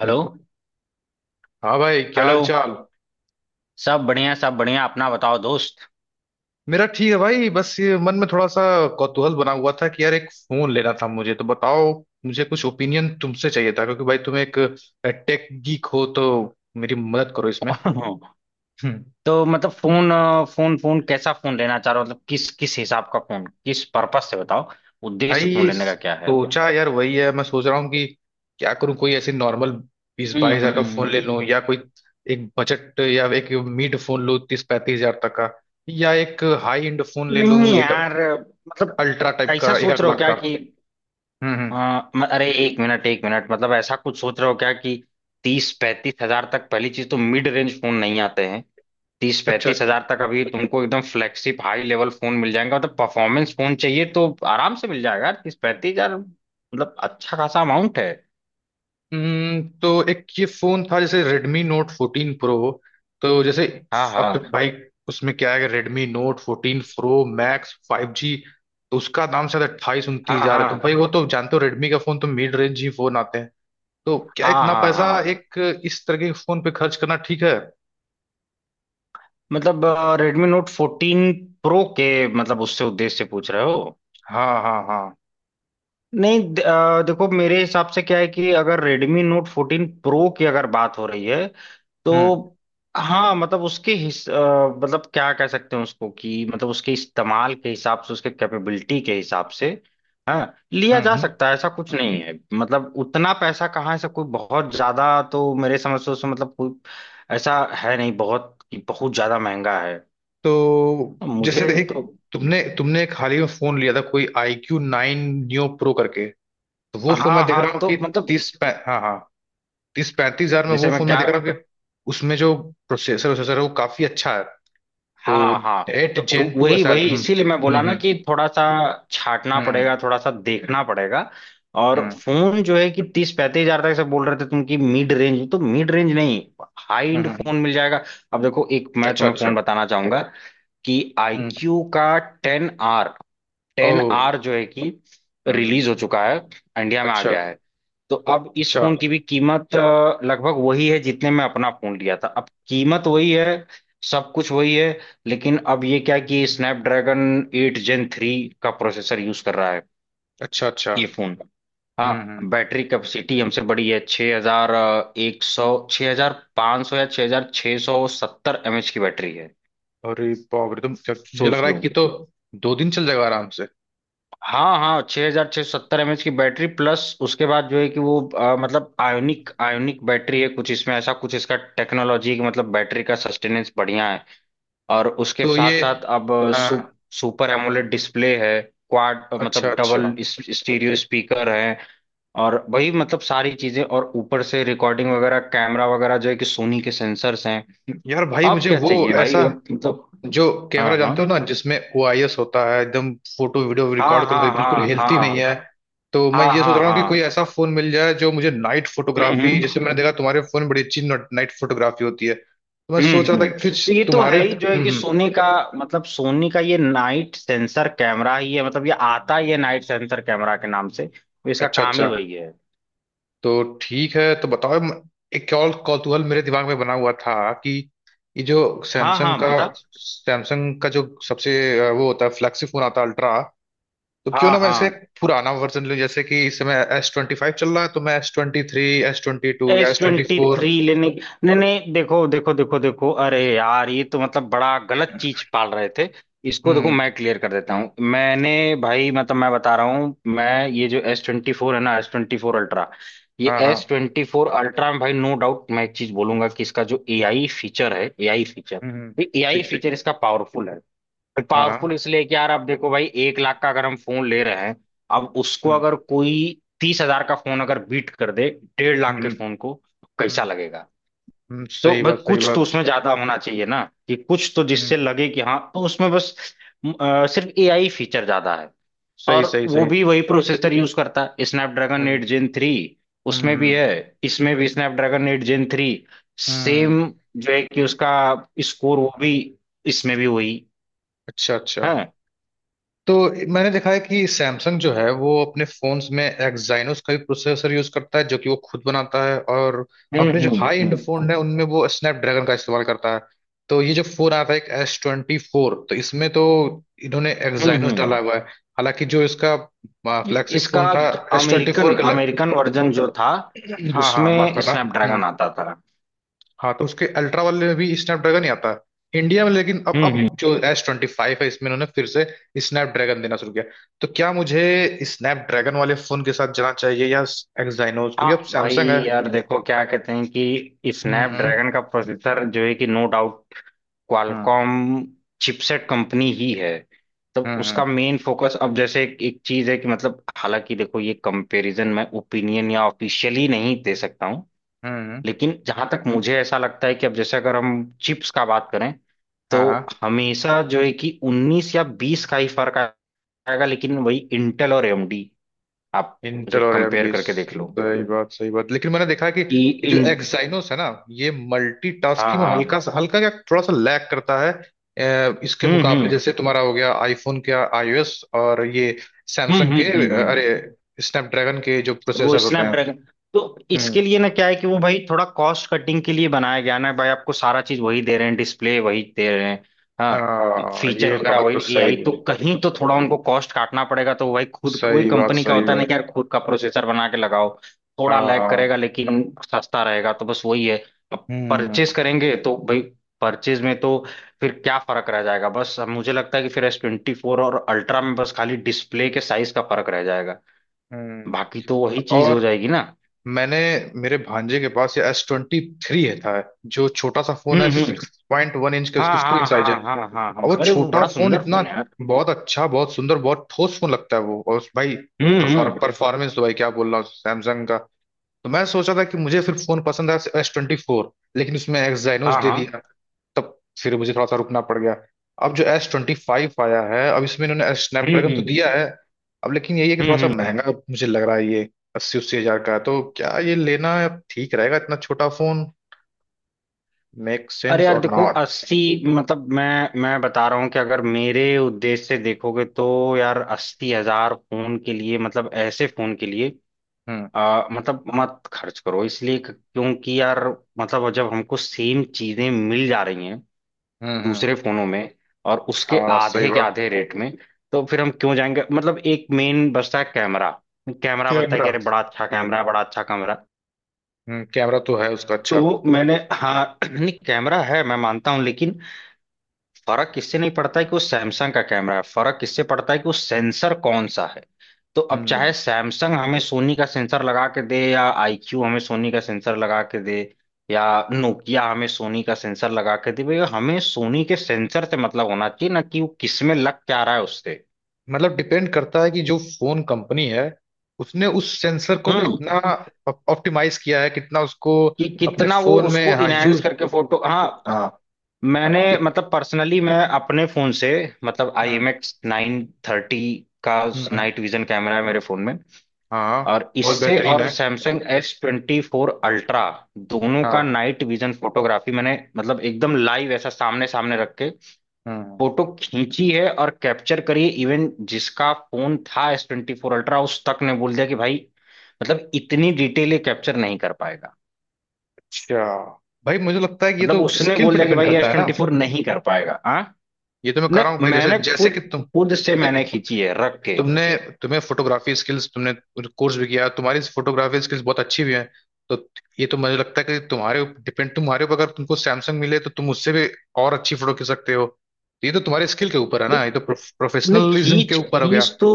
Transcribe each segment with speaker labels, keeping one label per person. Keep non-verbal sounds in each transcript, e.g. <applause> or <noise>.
Speaker 1: Hello.
Speaker 2: हाँ भाई, क्या
Speaker 1: हेलो।
Speaker 2: हाल चाल।
Speaker 1: सब बढ़िया, सब बढ़िया। अपना बताओ दोस्त। <laughs>
Speaker 2: मेरा ठीक है भाई, बस ये मन में थोड़ा सा कौतूहल बना हुआ था कि यार एक फोन लेना था मुझे, तो बताओ। मुझे कुछ ओपिनियन तुमसे चाहिए था, क्योंकि भाई तुम एक टेक गीक हो तो मेरी मदद करो इसमें। हम्म।
Speaker 1: तो मतलब फोन अ, फोन फोन कैसा फोन लेना चाह रहे हो, मतलब किस किस हिसाब का फोन, किस पर्पस से बताओ। उद्देश्य
Speaker 2: भाई
Speaker 1: फोन
Speaker 2: ये
Speaker 1: लेने का क्या है?
Speaker 2: सोचा यार, वही है, मैं सोच रहा हूँ कि क्या करूँ, कोई ऐसे नॉर्मल 20-22 हजार का फोन ले
Speaker 1: हम्म।
Speaker 2: लूँ, या कोई एक बजट या एक मिड फोन लूँ 30-35 हजार तक का, या एक हाई एंड फोन ले लूँ,
Speaker 1: नहीं
Speaker 2: एक
Speaker 1: यार, मतलब
Speaker 2: अल्ट्रा टाइप
Speaker 1: ऐसा
Speaker 2: का एक
Speaker 1: सोच
Speaker 2: एक
Speaker 1: रहे हो
Speaker 2: लाख
Speaker 1: क्या
Speaker 2: का।
Speaker 1: कि
Speaker 2: हम्म।
Speaker 1: हाँ, अरे एक मिनट, एक मिनट, मतलब ऐसा कुछ सोच रहे हो क्या कि 30-35 हजार तक? पहली चीज तो मिड रेंज फोन नहीं आते हैं तीस
Speaker 2: अच्छा।
Speaker 1: पैंतीस हजार तक। अभी तुमको एकदम फ्लैगशिप हाई लेवल फोन मिल जाएगा। मतलब परफॉर्मेंस फोन चाहिए तो आराम से मिल जाएगा 30-35 हजार। मतलब अच्छा खासा अमाउंट है।
Speaker 2: तो एक ये फोन था जैसे Redmi Note 14 Pro, तो जैसे
Speaker 1: हाँ,
Speaker 2: अब तो
Speaker 1: हाँ,
Speaker 2: भाई उसमें क्या है कि Redmi Note 14 Pro Max 5G, तो उसका दाम शायद अट्ठाईस उनतीस
Speaker 1: हाँ,
Speaker 2: हजार है, तो
Speaker 1: हाँ,
Speaker 2: भाई वो तो जानते हो Redmi का फोन तो मिड रेंज ही फोन आते हैं। तो क्या
Speaker 1: हाँ,
Speaker 2: इतना
Speaker 1: हाँ, हाँ।
Speaker 2: पैसा एक इस तरह के फोन पे खर्च करना ठीक है।
Speaker 1: मतलब रेडमी नोट फोर्टीन प्रो के, मतलब उससे उद्देश्य से पूछ रहे हो?
Speaker 2: हाँ हाँ हाँ।
Speaker 1: नहीं, देखो मेरे हिसाब से क्या है कि अगर Redmi Note 14 Pro की अगर बात हो रही है
Speaker 2: हम्म
Speaker 1: तो हाँ, मतलब मतलब क्या कह सकते हैं उसको कि मतलब उसके इस्तेमाल के हिसाब से, उसके कैपेबिलिटी के हिसाब से हाँ लिया
Speaker 2: हम्म।
Speaker 1: जा सकता है, ऐसा कुछ नहीं है। मतलब उतना पैसा कहाँ है, ऐसा कोई बहुत ज्यादा, तो मेरे समझ से उसमें मतलब कोई ऐसा है नहीं बहुत कि बहुत ज्यादा महंगा है।
Speaker 2: तो जैसे
Speaker 1: मुझे
Speaker 2: एक,
Speaker 1: तो
Speaker 2: तुमने तुमने एक हाल ही में फोन लिया था कोई आई क्यू 9 न्यू प्रो करके, तो वो फोन मैं
Speaker 1: हाँ,
Speaker 2: देख
Speaker 1: हाँ।
Speaker 2: रहा हूँ कि
Speaker 1: तो मतलब
Speaker 2: हाँ हाँ, 30-35 हजार में वो
Speaker 1: जैसे मैं
Speaker 2: फोन मैं
Speaker 1: क्या,
Speaker 2: देख रहा हूँ कि उसमें जो प्रोसेसर प्रोसेसर है वो काफी अच्छा है, तो
Speaker 1: हाँ, हाँ,
Speaker 2: एट
Speaker 1: तो
Speaker 2: जेन
Speaker 1: व-
Speaker 2: 2 है
Speaker 1: वही
Speaker 2: शायद।
Speaker 1: वही इसीलिए मैं बोला ना
Speaker 2: हम्म
Speaker 1: कि थोड़ा सा छाटना
Speaker 2: हम्म
Speaker 1: पड़ेगा, थोड़ा सा देखना पड़ेगा। और
Speaker 2: हम्म।
Speaker 1: फोन जो है कि तीस पैंतीस हजार तक से बोल रहे थे तुम, कि मिड रेंज तो मिड रेंज नहीं, हाई
Speaker 2: हम्म,
Speaker 1: एंड
Speaker 2: हम्म।
Speaker 1: फोन मिल जाएगा। अब देखो, एक मैं
Speaker 2: अच्छा
Speaker 1: तुम्हें
Speaker 2: अच्छा।
Speaker 1: फोन बताना चाहूंगा कि आई
Speaker 2: हम्म।
Speaker 1: क्यू का ten R,
Speaker 2: O.
Speaker 1: Ten R जो है कि
Speaker 2: हम्म
Speaker 1: रिलीज हो
Speaker 2: हम्म,
Speaker 1: चुका है, इंडिया में आ
Speaker 2: अच्छा
Speaker 1: गया है। तो अब इस
Speaker 2: अच्छा।
Speaker 1: फोन की भी कीमत लगभग वही है जितने में अपना फोन लिया था, अब कीमत वही है, सब कुछ वही है। लेकिन अब ये क्या है कि स्नैपड्रैगन एट जेन थ्री का प्रोसेसर यूज कर रहा है
Speaker 2: अच्छा अच्छा।
Speaker 1: ये फोन। हाँ।
Speaker 2: हम्म हम्म,
Speaker 1: बैटरी कैपेसिटी हमसे बड़ी है, 6100 हजार सौ छः हज़ार पाँच सौ या 6670 हजार एमएच की बैटरी है।
Speaker 2: अरे बाप रे, तो मुझे लग
Speaker 1: सोच
Speaker 2: रहा है
Speaker 1: लो।
Speaker 2: कि तो दो दिन चल जाएगा आराम से।
Speaker 1: हाँ, हाँ, छः हजार छः सौ सत्तर एमएच की बैटरी, प्लस उसके बाद जो है कि वो मतलब आयोनिक आयोनिक बैटरी है कुछ इसमें, ऐसा कुछ इसका टेक्नोलॉजी कि मतलब बैटरी का सस्टेनेंस बढ़िया है। और उसके
Speaker 2: तो
Speaker 1: साथ
Speaker 2: ये
Speaker 1: साथ अब सु,
Speaker 2: हाँ।
Speaker 1: सुपर एमोलेड डिस्प्ले है, क्वाड
Speaker 2: अच्छा
Speaker 1: मतलब
Speaker 2: अच्छा।
Speaker 1: डबल स्टीरियो स्पीकर है। और वही मतलब सारी चीजें, और ऊपर से रिकॉर्डिंग वगैरह, कैमरा वगैरह जो है कि सोनी के सेंसर्स हैं।
Speaker 2: यार
Speaker 1: तो
Speaker 2: भाई
Speaker 1: अब
Speaker 2: मुझे
Speaker 1: क्या
Speaker 2: वो
Speaker 1: चाहिए भाई,
Speaker 2: ऐसा
Speaker 1: अब मतलब
Speaker 2: जो
Speaker 1: हाँ,
Speaker 2: कैमरा
Speaker 1: हाँ,
Speaker 2: जानते हो ना, जिसमें ओआईएस होता है, एकदम फोटो वीडियो
Speaker 1: हाँ,
Speaker 2: रिकॉर्ड करो तो
Speaker 1: हाँ,
Speaker 2: बिल्कुल
Speaker 1: हाँ, हाँ,
Speaker 2: हेल्थी नहीं है।
Speaker 1: हाँ,
Speaker 2: तो मैं ये सोच
Speaker 1: हाँ,
Speaker 2: रहा हूँ कि
Speaker 1: हाँ,
Speaker 2: कोई ऐसा फोन मिल जाए जो मुझे नाइट
Speaker 1: हम्म,
Speaker 2: फोटोग्राफी,
Speaker 1: हम्म,
Speaker 2: जैसे मैंने देखा तुम्हारे फोन में बड़ी अच्छी नाइट फोटोग्राफी होती है, तो मैं
Speaker 1: हम्म,
Speaker 2: सोच रहा था कि
Speaker 1: तो
Speaker 2: कुछ
Speaker 1: ये तो
Speaker 2: तुम्हारे।
Speaker 1: है ही जो है कि
Speaker 2: हम्म।
Speaker 1: सोनी का, मतलब सोनी का ये नाइट सेंसर कैमरा ही है, मतलब ये आता ही है नाइट सेंसर कैमरा के नाम से, तो इसका
Speaker 2: अच्छा
Speaker 1: काम
Speaker 2: अच्छा।
Speaker 1: ही वही है।
Speaker 2: तो ठीक है, तो बताओ एक और कौतूहल मेरे दिमाग में बना हुआ था कि ये जो
Speaker 1: हाँ,
Speaker 2: सैमसंग
Speaker 1: हाँ,
Speaker 2: का,
Speaker 1: बता।
Speaker 2: सैमसंग का जो सबसे वो होता है फ्लैगशिप फोन आता है अल्ट्रा, तो क्यों
Speaker 1: हाँ,
Speaker 2: ना मैं इसका
Speaker 1: हाँ,
Speaker 2: एक पुराना वर्जन लूं, जैसे कि इस समय S25 चल रहा है, तो मैं S23, S22 या
Speaker 1: S
Speaker 2: S twenty
Speaker 1: twenty
Speaker 2: four
Speaker 1: three लेने? नहीं, नहीं, देखो, देखो, देखो, देखो, अरे यार, ये तो मतलब बड़ा गलत चीज पाल रहे थे। इसको देखो,
Speaker 2: हम्म।
Speaker 1: मैं क्लियर कर देता हूँ। मैंने, भाई मतलब मैं बता रहा हूँ, मैं ये जो एस ट्वेंटी फोर है ना, एस ट्वेंटी फोर अल्ट्रा, ये
Speaker 2: हाँ हाँ।
Speaker 1: एस ट्वेंटी फोर अल्ट्रा में भाई नो डाउट मैं एक चीज बोलूंगा कि इसका जो एआई फीचर है, एआई फीचर,
Speaker 2: हम्म।
Speaker 1: ये एआई
Speaker 2: ठीक ठीक।
Speaker 1: फीचर इसका पावरफुल है।
Speaker 2: हाँ
Speaker 1: पावरफुल
Speaker 2: हाँ।
Speaker 1: इसलिए कि यार आप देखो भाई, 1 लाख का अगर हम फोन ले रहे हैं, अब उसको
Speaker 2: हम्म
Speaker 1: अगर कोई 30 हजार का फोन अगर बीट कर दे 1.5 लाख के
Speaker 2: हम्म
Speaker 1: फोन को, तो कैसा
Speaker 2: हम्म।
Speaker 1: लगेगा? तो
Speaker 2: सही
Speaker 1: भाई
Speaker 2: बात सही
Speaker 1: कुछ तो
Speaker 2: बात।
Speaker 1: उसमें ज्यादा होना चाहिए ना, कि कुछ तो
Speaker 2: हम्म।
Speaker 1: जिससे लगे कि हाँ, तो उसमें बस सिर्फ एआई फीचर ज्यादा है।
Speaker 2: सही
Speaker 1: और
Speaker 2: सही
Speaker 1: वो
Speaker 2: सही।
Speaker 1: भी वही प्रोसेसर यूज करता है, स्नैपड्रैगन
Speaker 2: हम्म
Speaker 1: एट जेन थ्री,
Speaker 2: हम्म
Speaker 1: उसमें भी
Speaker 2: हम्म
Speaker 1: है, इसमें भी स्नैपड्रैगन एट जेन थ्री,
Speaker 2: हम्म,
Speaker 1: सेम, जो है कि उसका स्कोर, वो भी इसमें भी वही
Speaker 2: अच्छा अच्छा।
Speaker 1: है।
Speaker 2: तो मैंने देखा है कि सैमसंग जो है वो अपने फोन्स में एक्साइनोस का भी प्रोसेसर यूज करता है, जो कि वो खुद बनाता है, और
Speaker 1: हम्म,
Speaker 2: अपने जो
Speaker 1: हम्म,
Speaker 2: हाई एंड
Speaker 1: हम्म,
Speaker 2: फोन है उनमें वो स्नैपड्रैगन का इस्तेमाल करता है। तो ये जो फोन आया था एक S24, तो इसमें तो इन्होंने
Speaker 1: हम्म,
Speaker 2: एक्साइनोस डाला हुआ है। हालांकि जो इसका फ्लैगशिप
Speaker 1: इसका
Speaker 2: फोन था S24
Speaker 1: अमेरिकन
Speaker 2: का,
Speaker 1: अमेरिकन वर्जन जो था,
Speaker 2: हाँ हाँ माफ
Speaker 1: उसमें
Speaker 2: करना। हम्म।
Speaker 1: स्नैपड्रैगन आता था।
Speaker 2: हाँ, तो उसके अल्ट्रा वाले में भी स्नैपड्रैगन ही आता है इंडिया में, लेकिन अब
Speaker 1: हम्म,
Speaker 2: अब जो S25 है इसमें उन्होंने फिर से स्नैपड्रैगन देना शुरू किया। तो क्या मुझे स्नैपड्रैगन वाले फोन के साथ जाना चाहिए या एक्साइनोज, क्योंकि
Speaker 1: हाँ
Speaker 2: अब
Speaker 1: भाई,
Speaker 2: सैमसंग है।
Speaker 1: यार देखो क्या कहते हैं कि
Speaker 2: हम्म हम्म
Speaker 1: स्नैपड्रैगन का प्रोसेसर जो है कि no doubt Qualcomm chipset company ही है, तो
Speaker 2: हम्म।
Speaker 1: उसका मेन फोकस अब जैसे एक चीज है कि मतलब, हालांकि देखो ये कंपैरिजन मैं ओपिनियन या ऑफिशियली नहीं दे सकता हूँ,
Speaker 2: हम्म,
Speaker 1: लेकिन जहां तक मुझे ऐसा लगता है कि अब जैसे अगर हम चिप्स का बात करें,
Speaker 2: हाँ
Speaker 1: तो
Speaker 2: हाँ।
Speaker 1: हमेशा जो है कि 19 या 20 का ही फर्क आएगा, लेकिन वही इंटेल और एएमडी, आप उसे
Speaker 2: इंटेल और
Speaker 1: कंपेयर
Speaker 2: एएमडी।
Speaker 1: करके देख लो
Speaker 2: सही बात सही बात, लेकिन मैंने देखा है कि
Speaker 1: कि
Speaker 2: ये जो
Speaker 1: इन,
Speaker 2: एक्साइनोस है ना, ये
Speaker 1: हाँ,
Speaker 2: मल्टीटास्किंग में
Speaker 1: हाँ,
Speaker 2: हल्का सा, हल्का क्या, थोड़ा सा लैग करता है इसके
Speaker 1: हम्म,
Speaker 2: मुकाबले,
Speaker 1: हम्म,
Speaker 2: जैसे तुम्हारा हो गया आईफोन के आईओएस, और ये
Speaker 1: हम्म,
Speaker 2: सैमसंग
Speaker 1: हम्म,
Speaker 2: के
Speaker 1: हम्म,
Speaker 2: अरे, स्नैपड्रैगन के जो
Speaker 1: वो
Speaker 2: प्रोसेसर होते हैं।
Speaker 1: स्नैपड्रैगन, तो इसके
Speaker 2: हम्म।
Speaker 1: लिए ना क्या है कि वो भाई थोड़ा कॉस्ट कटिंग के लिए बनाया गया ना भाई, आपको सारा चीज वही दे रहे हैं, डिस्प्ले वही दे रहे हैं, हाँ,
Speaker 2: आ,
Speaker 1: फीचर
Speaker 2: ये
Speaker 1: वगैरह
Speaker 2: बात तो
Speaker 1: वही
Speaker 2: सही
Speaker 1: एआई, तो
Speaker 2: बोली।
Speaker 1: कहीं तो थोड़ा उनको कॉस्ट काटना पड़ेगा, तो भाई खुद वही
Speaker 2: सही बात
Speaker 1: कंपनी का
Speaker 2: सही
Speaker 1: होता है ना
Speaker 2: बात।
Speaker 1: कि यार खुद का प्रोसेसर बना के लगाओ, थोड़ा
Speaker 2: हाँ
Speaker 1: लैग
Speaker 2: हाँ।
Speaker 1: करेगा लेकिन सस्ता रहेगा, तो बस वही है। अब परचेज
Speaker 2: हम्म
Speaker 1: करेंगे तो भाई परचेज में तो फिर क्या फर्क रह जाएगा? बस अब मुझे लगता है कि फिर एस ट्वेंटी फोर और अल्ट्रा में बस खाली डिस्प्ले के साइज का फर्क रह जाएगा,
Speaker 2: हम्म।
Speaker 1: बाकी तो वही चीज हो
Speaker 2: और
Speaker 1: जाएगी ना।
Speaker 2: मैंने, मेरे भांजे के पास ये S23 है, था, जो छोटा सा फोन है,
Speaker 1: हम्म, हम्म,
Speaker 2: 6.1 इंच के
Speaker 1: हाँ,
Speaker 2: उसकी स्क्रीन
Speaker 1: हाँ,
Speaker 2: साइज है,
Speaker 1: हाँ, हाँ, हाँ, हाँ,
Speaker 2: और वो
Speaker 1: अरे वो
Speaker 2: छोटा
Speaker 1: बड़ा
Speaker 2: फोन
Speaker 1: सुंदर
Speaker 2: इतना
Speaker 1: फोन है यार।
Speaker 2: बहुत अच्छा, बहुत सुंदर, बहुत ठोस फोन लगता है वो, और उस भाई
Speaker 1: हम्म, हम्म,
Speaker 2: परफॉर्मेंस तो भाई क्या बोल रहा हूँ सैमसंग का। तो मैं सोचा था कि मुझे फिर फोन पसंद है S24, लेकिन उसमें एक्साइनोस
Speaker 1: हाँ,
Speaker 2: दे दिया,
Speaker 1: हाँ,
Speaker 2: तब फिर मुझे थोड़ा सा रुकना पड़ गया। अब जो एस ट्वेंटी फाइव आया है, अब इसमें इन्होंने
Speaker 1: हम्म,
Speaker 2: स्नैपड्रैगन तो
Speaker 1: हम्म,
Speaker 2: दिया है, अब लेकिन यही है कि
Speaker 1: हम्म,
Speaker 2: थोड़ा सा
Speaker 1: हम्म।
Speaker 2: महंगा मुझे लग रहा है ये, 80-80 हजार का है। तो क्या ये लेना ठीक रहेगा, इतना छोटा फोन, मेक
Speaker 1: अरे
Speaker 2: सेंस
Speaker 1: यार
Speaker 2: और
Speaker 1: देखो
Speaker 2: नॉट।
Speaker 1: अस्सी, मतलब मैं बता रहा हूँ कि अगर मेरे उद्देश्य से देखोगे तो यार 80 हजार फोन के लिए, मतलब ऐसे फोन के लिए
Speaker 2: हम्म
Speaker 1: मतलब मत खर्च करो, इसलिए क्योंकि यार मतलब जब हमको सेम चीजें मिल जा रही हैं
Speaker 2: हम्म।
Speaker 1: दूसरे फोनों में, और उसके
Speaker 2: हाँ सही
Speaker 1: आधे के
Speaker 2: बात।
Speaker 1: आधे रेट में, तो फिर हम क्यों जाएंगे। मतलब एक मेन बचता है कैमरा, कैमरा बचता है
Speaker 2: कैमरा।
Speaker 1: कि अरे बड़ा अच्छा कैमरा है, बड़ा अच्छा कैमरा।
Speaker 2: हम्म, कैमरा तो है उसका अच्छा।
Speaker 1: तो मैंने, हाँ <clears throat> नहीं कैमरा है, मैं मानता हूँ लेकिन फर्क किससे नहीं पड़ता है कि वो सैमसंग का कैमरा है, फर्क किससे पड़ता है कि वो सेंसर कौन सा है। तो अब चाहे
Speaker 2: हम्म,
Speaker 1: सैमसंग हमें सोनी का सेंसर लगा के दे, या आईक्यू हमें सोनी का सेंसर लगा के दे, या नोकिया हमें सोनी का सेंसर लगा के दे, भैया हमें सोनी के सेंसर से मतलब होना चाहिए ना कि वो किस में लग क्या रहा है उससे।
Speaker 2: मतलब डिपेंड करता है कि जो फोन कंपनी है उसने उस सेंसर को
Speaker 1: हम्म।
Speaker 2: कितना ऑप्टिमाइज किया है, कितना उसको
Speaker 1: कि
Speaker 2: अपने
Speaker 1: कितना वो
Speaker 2: फोन में
Speaker 1: उसको
Speaker 2: हाँ
Speaker 1: इनहेंस
Speaker 2: यूज।
Speaker 1: करके फोटो, हाँ। मैंने मतलब पर्सनली मैं अपने फोन से, मतलब आई
Speaker 2: हाँ।
Speaker 1: एम एक्स नाइन थर्टी का
Speaker 2: हम्म,
Speaker 1: नाइट विजन कैमरा है मेरे फोन में,
Speaker 2: हाँ
Speaker 1: और
Speaker 2: बहुत
Speaker 1: इससे
Speaker 2: बेहतरीन
Speaker 1: और
Speaker 2: है।
Speaker 1: Samsung S twenty four ultra दोनों का
Speaker 2: हाँ।
Speaker 1: नाइट विजन फोटोग्राफी मैंने मतलब एकदम लाइव ऐसा सामने सामने रख के
Speaker 2: हम्म।
Speaker 1: फोटो खींची है और कैप्चर करी है, इवन जिसका फोन था एस ट्वेंटी फोर अल्ट्रा उस तक ने बोल दिया कि भाई मतलब इतनी डिटेल ये कैप्चर नहीं कर पाएगा।
Speaker 2: अच्छा। भाई मुझे लगता है कि ये
Speaker 1: मतलब
Speaker 2: तो
Speaker 1: उसने
Speaker 2: स्किल
Speaker 1: बोल
Speaker 2: पे
Speaker 1: दिया कि
Speaker 2: डिपेंड
Speaker 1: भाई
Speaker 2: करता
Speaker 1: एस
Speaker 2: है ना,
Speaker 1: ट्वेंटी फोर नहीं कर पाएगा। हाँ,
Speaker 2: ये तो मैं कर
Speaker 1: न,
Speaker 2: रहा हूँ भाई, जैसे
Speaker 1: मैंने
Speaker 2: जैसे कि
Speaker 1: खुद,
Speaker 2: तुम,
Speaker 1: खुद से
Speaker 2: तुम्हें,
Speaker 1: मैंने खींची है रख के।
Speaker 2: तुमने तुम्हें फोटोग्राफी स्किल्स, तुमने कोर्स भी किया, तुम्हारी फोटोग्राफी स्किल्स बहुत अच्छी भी हैं, तो ये तो मुझे लगता है कि तुम्हारे डिपेंड, तुम्हारे ऊपर, अगर तुमको सैमसंग मिले तो तुम उससे भी और अच्छी फोटो खींच सकते हो, तो ये तो तुम्हारे स्किल के ऊपर है ना, ये तो
Speaker 1: नहीं
Speaker 2: प्रोफेशनलिज्म के
Speaker 1: खींच
Speaker 2: ऊपर हो गया।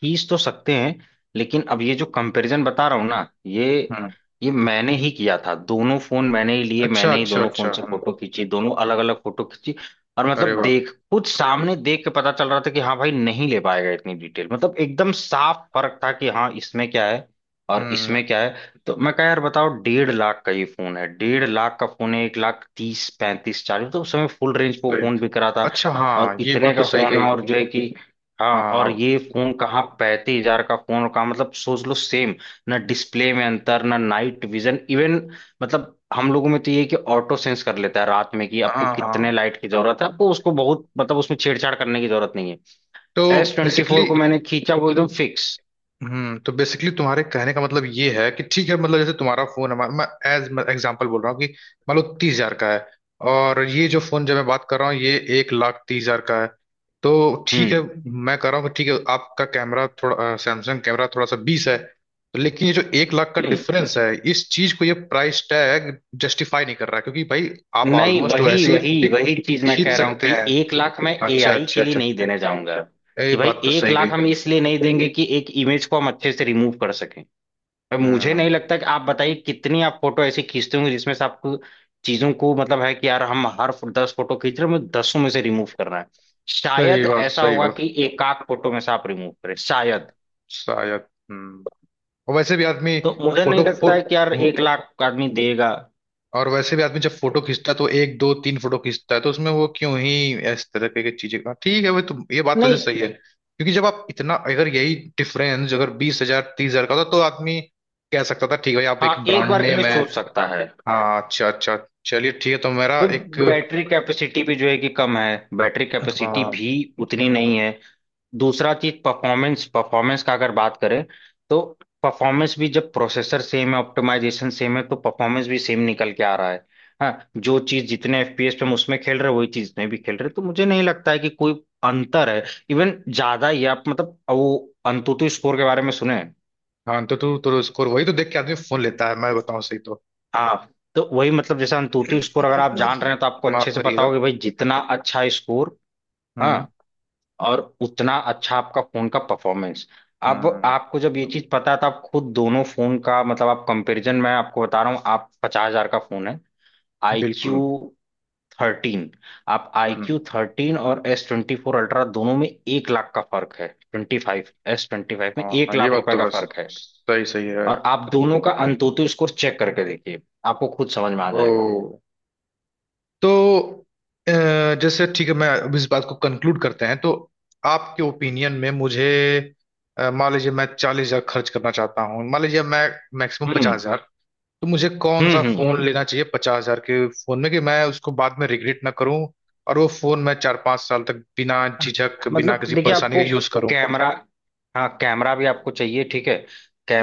Speaker 1: खींच तो सकते हैं, लेकिन अब ये जो कंपैरिजन बता रहा हूँ ना ये
Speaker 2: हम्म
Speaker 1: ये मैंने ही किया था, दोनों फोन मैंने ही लिए,
Speaker 2: अच्छा
Speaker 1: मैंने ही
Speaker 2: अच्छा
Speaker 1: दोनों
Speaker 2: अच्छा।
Speaker 1: फोन से
Speaker 2: हम्म।
Speaker 1: फोटो खींची, दोनों अलग अलग फोटो खींची। और
Speaker 2: अरे
Speaker 1: मतलब
Speaker 2: वाह।
Speaker 1: देख खुद सामने देख के पता चल रहा था कि हाँ भाई नहीं ले पाएगा इतनी डिटेल, मतलब एकदम साफ फर्क था कि हाँ इसमें क्या है और
Speaker 2: हम्म।
Speaker 1: इसमें क्या है। तो मैं कहा यार बताओ, 1.5 लाख का ये फोन है, 1.5 लाख का फोन है एक लाख तीस पैंतीस चालीस, तो उस समय फुल रेंज पे वो फोन बिक रहा था,
Speaker 2: अच्छा।
Speaker 1: और
Speaker 2: हाँ ये
Speaker 1: इतने
Speaker 2: बात तो
Speaker 1: का
Speaker 2: सही
Speaker 1: फोन
Speaker 2: कही।
Speaker 1: है, और जो है कि हाँ, और
Speaker 2: हाँ
Speaker 1: ये फोन कहाँ, 35 हजार का फोन कहाँ, मतलब सोच लो सेम, ना डिस्प्ले में अंतर, ना नाइट विजन, इवन मतलब हम लोगों में तो ये है कि ऑटो सेंस कर लेता है रात में कि आपको
Speaker 2: हाँ। हाँ,
Speaker 1: कितने लाइट की जरूरत है, आपको उसको बहुत मतलब उसमें छेड़छाड़ करने की जरूरत नहीं है।
Speaker 2: तो
Speaker 1: एस ट्वेंटी
Speaker 2: बेसिकली,
Speaker 1: फोर को मैंने खींचा वो एकदम फिक्स।
Speaker 2: हम्म, तो बेसिकली तुम्हारे कहने का मतलब ये है कि ठीक है, मतलब जैसे तुम्हारा फोन है, मैं एज एग्जांपल बोल रहा हूँ कि मान लो 30 हजार का है, और ये जो फोन जब मैं बात कर रहा हूँ ये 1 लाख 30 हजार का है। तो ठीक है
Speaker 1: हम्म,
Speaker 2: मैं कह रहा हूँ कि ठीक है, आपका कैमरा थोड़ा, सैमसंग कैमरा थोड़ा सा बीस है तो, लेकिन ये जो 1 लाख का
Speaker 1: हम्म।
Speaker 2: डिफरेंस है इस चीज को ये प्राइस टैग जस्टिफाई नहीं कर रहा है, क्योंकि भाई आप
Speaker 1: नहीं
Speaker 2: ऑलमोस्ट
Speaker 1: वही
Speaker 2: वैसे ही
Speaker 1: वही
Speaker 2: pic
Speaker 1: वही चीज मैं
Speaker 2: खींच
Speaker 1: कह रहा हूँ
Speaker 2: सकते
Speaker 1: कि
Speaker 2: हैं।
Speaker 1: 1 लाख मैं
Speaker 2: अच्छा
Speaker 1: एआई
Speaker 2: अच्छा
Speaker 1: के लिए
Speaker 2: अच्छा,
Speaker 1: नहीं देने जाऊंगा,
Speaker 2: ये
Speaker 1: कि भाई
Speaker 2: बात तो
Speaker 1: एक
Speaker 2: सही
Speaker 1: लाख
Speaker 2: गई।
Speaker 1: हम इसलिए नहीं देंगे कि एक इमेज को हम अच्छे से रिमूव कर सकें। अब मुझे नहीं
Speaker 2: हम्म
Speaker 1: लगता कि आप बताइए कितनी आप फोटो ऐसी खींचते होंगे जिसमें से आपको चीजों को, मतलब है कि यार हम हर 10 फोटो खींच रहे हैं, हमें दसों में से रिमूव करना है।
Speaker 2: सही
Speaker 1: शायद
Speaker 2: बात
Speaker 1: ऐसा
Speaker 2: सही
Speaker 1: होगा
Speaker 2: बात।
Speaker 1: कि एक आध फोटो में से आप रिमूव करें शायद,
Speaker 2: शायद। हम्म। और वैसे भी आदमी
Speaker 1: तो मुझे नहीं
Speaker 2: फोटो
Speaker 1: लगता है कि यार
Speaker 2: फोटो,
Speaker 1: 1 लाख आदमी देगा।
Speaker 2: और वैसे भी आदमी जब फोटो खींचता है तो 1-2-3 फोटो खींचता है, तो उसमें वो क्यों ही इस तरह की चीजें, हाँ, ठीक है, वो तो ये बात तो वैसे
Speaker 1: नहीं,
Speaker 2: सही है, क्योंकि जब आप इतना, अगर यही डिफरेंस अगर 20-30 हजार का होता तो आदमी कह सकता था ठीक है भाई आप
Speaker 1: हाँ,
Speaker 2: एक
Speaker 1: एक
Speaker 2: ब्रांड
Speaker 1: बार के
Speaker 2: नेम
Speaker 1: लिए
Speaker 2: है।
Speaker 1: सोच सकता है।
Speaker 2: हाँ अच्छा अच्छा। चलिए ठीक है, तो मेरा
Speaker 1: भाई
Speaker 2: एक,
Speaker 1: बैटरी कैपेसिटी भी जो है कि कम है, बैटरी कैपेसिटी
Speaker 2: हाँ
Speaker 1: भी उतनी नहीं है। दूसरा चीज परफॉर्मेंस परफॉर्मेंस का अगर बात करें तो परफॉर्मेंस भी जब प्रोसेसर सेम है, ऑप्टिमाइजेशन सेम है, तो परफॉर्मेंस भी सेम निकल के आ रहा है। हाँ, जो चीज जितने एफपीएस पे हम उसमें खेल रहे हैं वही चीज में भी खेल रहे हैं, तो मुझे नहीं लगता है कि कोई अंतर है, इवन ज्यादा ही है। आप मतलब वो अंतुतु स्कोर के बारे में सुने हैं?
Speaker 2: हाँ, तो तू तो स्कोर वही तो देख के आदमी फोन लेता है, मैं बताऊं सही तो।
Speaker 1: हाँ, तो वही मतलब जैसे अंतुतु स्कोर अगर आप जान रहे हैं तो आपको अच्छे
Speaker 2: माफ
Speaker 1: से पता
Speaker 2: करिएगा।
Speaker 1: होगा कि भाई जितना अच्छा स्कोर, हाँ,
Speaker 2: हम्म
Speaker 1: और उतना अच्छा आपका फोन का परफॉर्मेंस। अब
Speaker 2: हम्म,
Speaker 1: आपको जब ये चीज पता था, आप खुद दोनों फोन का मतलब आप कंपैरिजन, मैं आपको बता रहा हूँ आप 50 हजार का फोन है आई क्यू
Speaker 2: बिल्कुल।
Speaker 1: थर्टीन, आप आई
Speaker 2: हम्म।
Speaker 1: क्यू थर्टीन और एस ट्वेंटी फोर अल्ट्रा दोनों में 1 लाख का फर्क है, twenty five S twenty five में एक
Speaker 2: हाँ ये
Speaker 1: लाख
Speaker 2: बात
Speaker 1: रुपए
Speaker 2: तो
Speaker 1: का
Speaker 2: है,
Speaker 1: फर्क है।
Speaker 2: सही सही है।
Speaker 1: और आप दोनों का अंतोतु स्कोर चेक करके देखिए, आपको खुद समझ में आ
Speaker 2: ओ,
Speaker 1: जाएगा।
Speaker 2: तो अ, जैसे ठीक है, मैं अब इस बात को कंक्लूड करते हैं तो, आपके ओपिनियन में मुझे मान लीजिए मैं 40 हजार खर्च करना चाहता हूँ, मान लीजिए मैं मैक्सिमम
Speaker 1: हम्म,
Speaker 2: 50 हजार, तो मुझे कौन
Speaker 1: हम्म,
Speaker 2: सा
Speaker 1: हम्म।
Speaker 2: फोन लेना चाहिए पचास हजार के फोन में कि मैं उसको बाद में रिग्रेट ना करूं, और वो फोन मैं 4-5 साल तक बिना झिझक, बिना
Speaker 1: मतलब
Speaker 2: किसी
Speaker 1: देखिए
Speaker 2: परेशानी
Speaker 1: आपको
Speaker 2: के यूज करूं।
Speaker 1: कैमरा, हाँ कैमरा भी आपको चाहिए, ठीक है,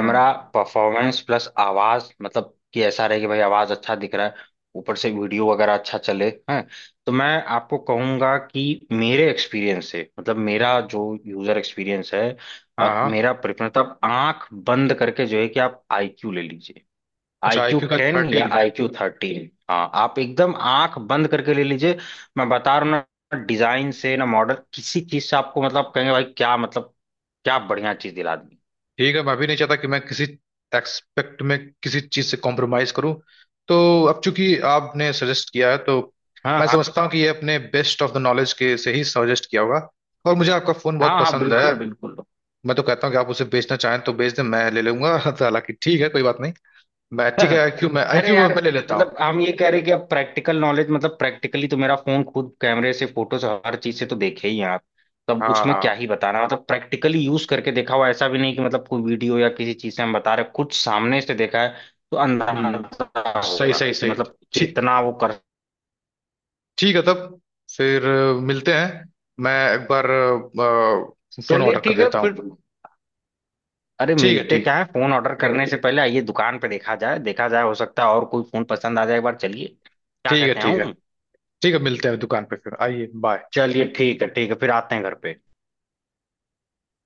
Speaker 2: हम्म।
Speaker 1: परफॉर्मेंस प्लस आवाज मतलब कि ऐसा रहे कि भाई आवाज अच्छा दिख रहा है, ऊपर से वीडियो वगैरह अच्छा चले हैं, तो मैं आपको कहूंगा कि मेरे एक्सपीरियंस से, मतलब मेरा जो यूजर एक्सपीरियंस है और
Speaker 2: हाँ।
Speaker 1: मेरा प्रेफरेंस, आप आंख बंद करके जो है कि आप आईक्यू ले लीजिए, आई
Speaker 2: अच्छा
Speaker 1: क्यू
Speaker 2: आईक्यू का
Speaker 1: टेन या
Speaker 2: 13।
Speaker 1: आई क्यू थर्टीन, हाँ आप एकदम आंख बंद करके ले लीजिए। मैं बता रहा हूँ ना डिजाइन से ना मॉडल, किसी चीज से आपको मतलब कहेंगे भाई क्या मतलब क्या बढ़िया चीज दिला दी।
Speaker 2: ठीक है, मैं भी नहीं चाहता कि मैं किसी एक्सपेक्ट में किसी चीज से कॉम्प्रोमाइज करूं। तो अब चूंकि आपने सजेस्ट किया है तो
Speaker 1: हाँ,
Speaker 2: मैं
Speaker 1: हाँ,
Speaker 2: समझता हूँ कि ये अपने बेस्ट ऑफ द नॉलेज के से ही सजेस्ट किया होगा, और मुझे आपका फोन बहुत
Speaker 1: हाँ, हाँ,
Speaker 2: पसंद है।
Speaker 1: बिल्कुल, बिल्कुल।
Speaker 2: मैं तो कहता हूँ कि आप उसे बेचना चाहें तो बेच दें, मैं ले लूंगा। <laughs> तो हालांकि ठीक है कोई बात नहीं, मैं ठीक है आईक्यू मैं,
Speaker 1: अरे
Speaker 2: आईक्यू मैं
Speaker 1: यार,
Speaker 2: मैं ले लेता हूँ।
Speaker 1: मतलब हम ये कह रहे कि अब प्रैक्टिकल नॉलेज, मतलब प्रैक्टिकली तो मेरा फोन खुद कैमरे से, फोटो से, हर चीज से तो देखे ही हैं आप, तब
Speaker 2: हाँ
Speaker 1: उसमें क्या
Speaker 2: हाँ।
Speaker 1: ही बताना, मतलब प्रैक्टिकली यूज करके देखा हुआ, ऐसा भी नहीं कि मतलब कोई वीडियो या किसी चीज से हम बता रहे, कुछ सामने से देखा है, तो
Speaker 2: हम्म।
Speaker 1: अंदाजा
Speaker 2: सही
Speaker 1: होगा
Speaker 2: सही
Speaker 1: कि
Speaker 2: सही।
Speaker 1: मतलब कितना
Speaker 2: ठीक,
Speaker 1: वो कर।
Speaker 2: ठीक है तब फिर, मिलते हैं, मैं एक बार फोन
Speaker 1: चलिए
Speaker 2: ऑर्डर कर
Speaker 1: ठीक है
Speaker 2: देता हूँ।
Speaker 1: फिर। अरे
Speaker 2: ठीक है
Speaker 1: मिलते
Speaker 2: ठीक,
Speaker 1: क्या है, फोन ऑर्डर करने से पहले आइए दुकान पे देखा जाए, देखा जाए, हो सकता है और कोई फोन पसंद आ जाए एक बार, चलिए क्या
Speaker 2: ठीक है
Speaker 1: कहते हैं,
Speaker 2: ठीक है।
Speaker 1: आऊं?
Speaker 2: ठीक है मिलते हैं दुकान पे, फिर आइए, बाय।
Speaker 1: चलिए ठीक है, ठीक है, फिर आते हैं घर पे।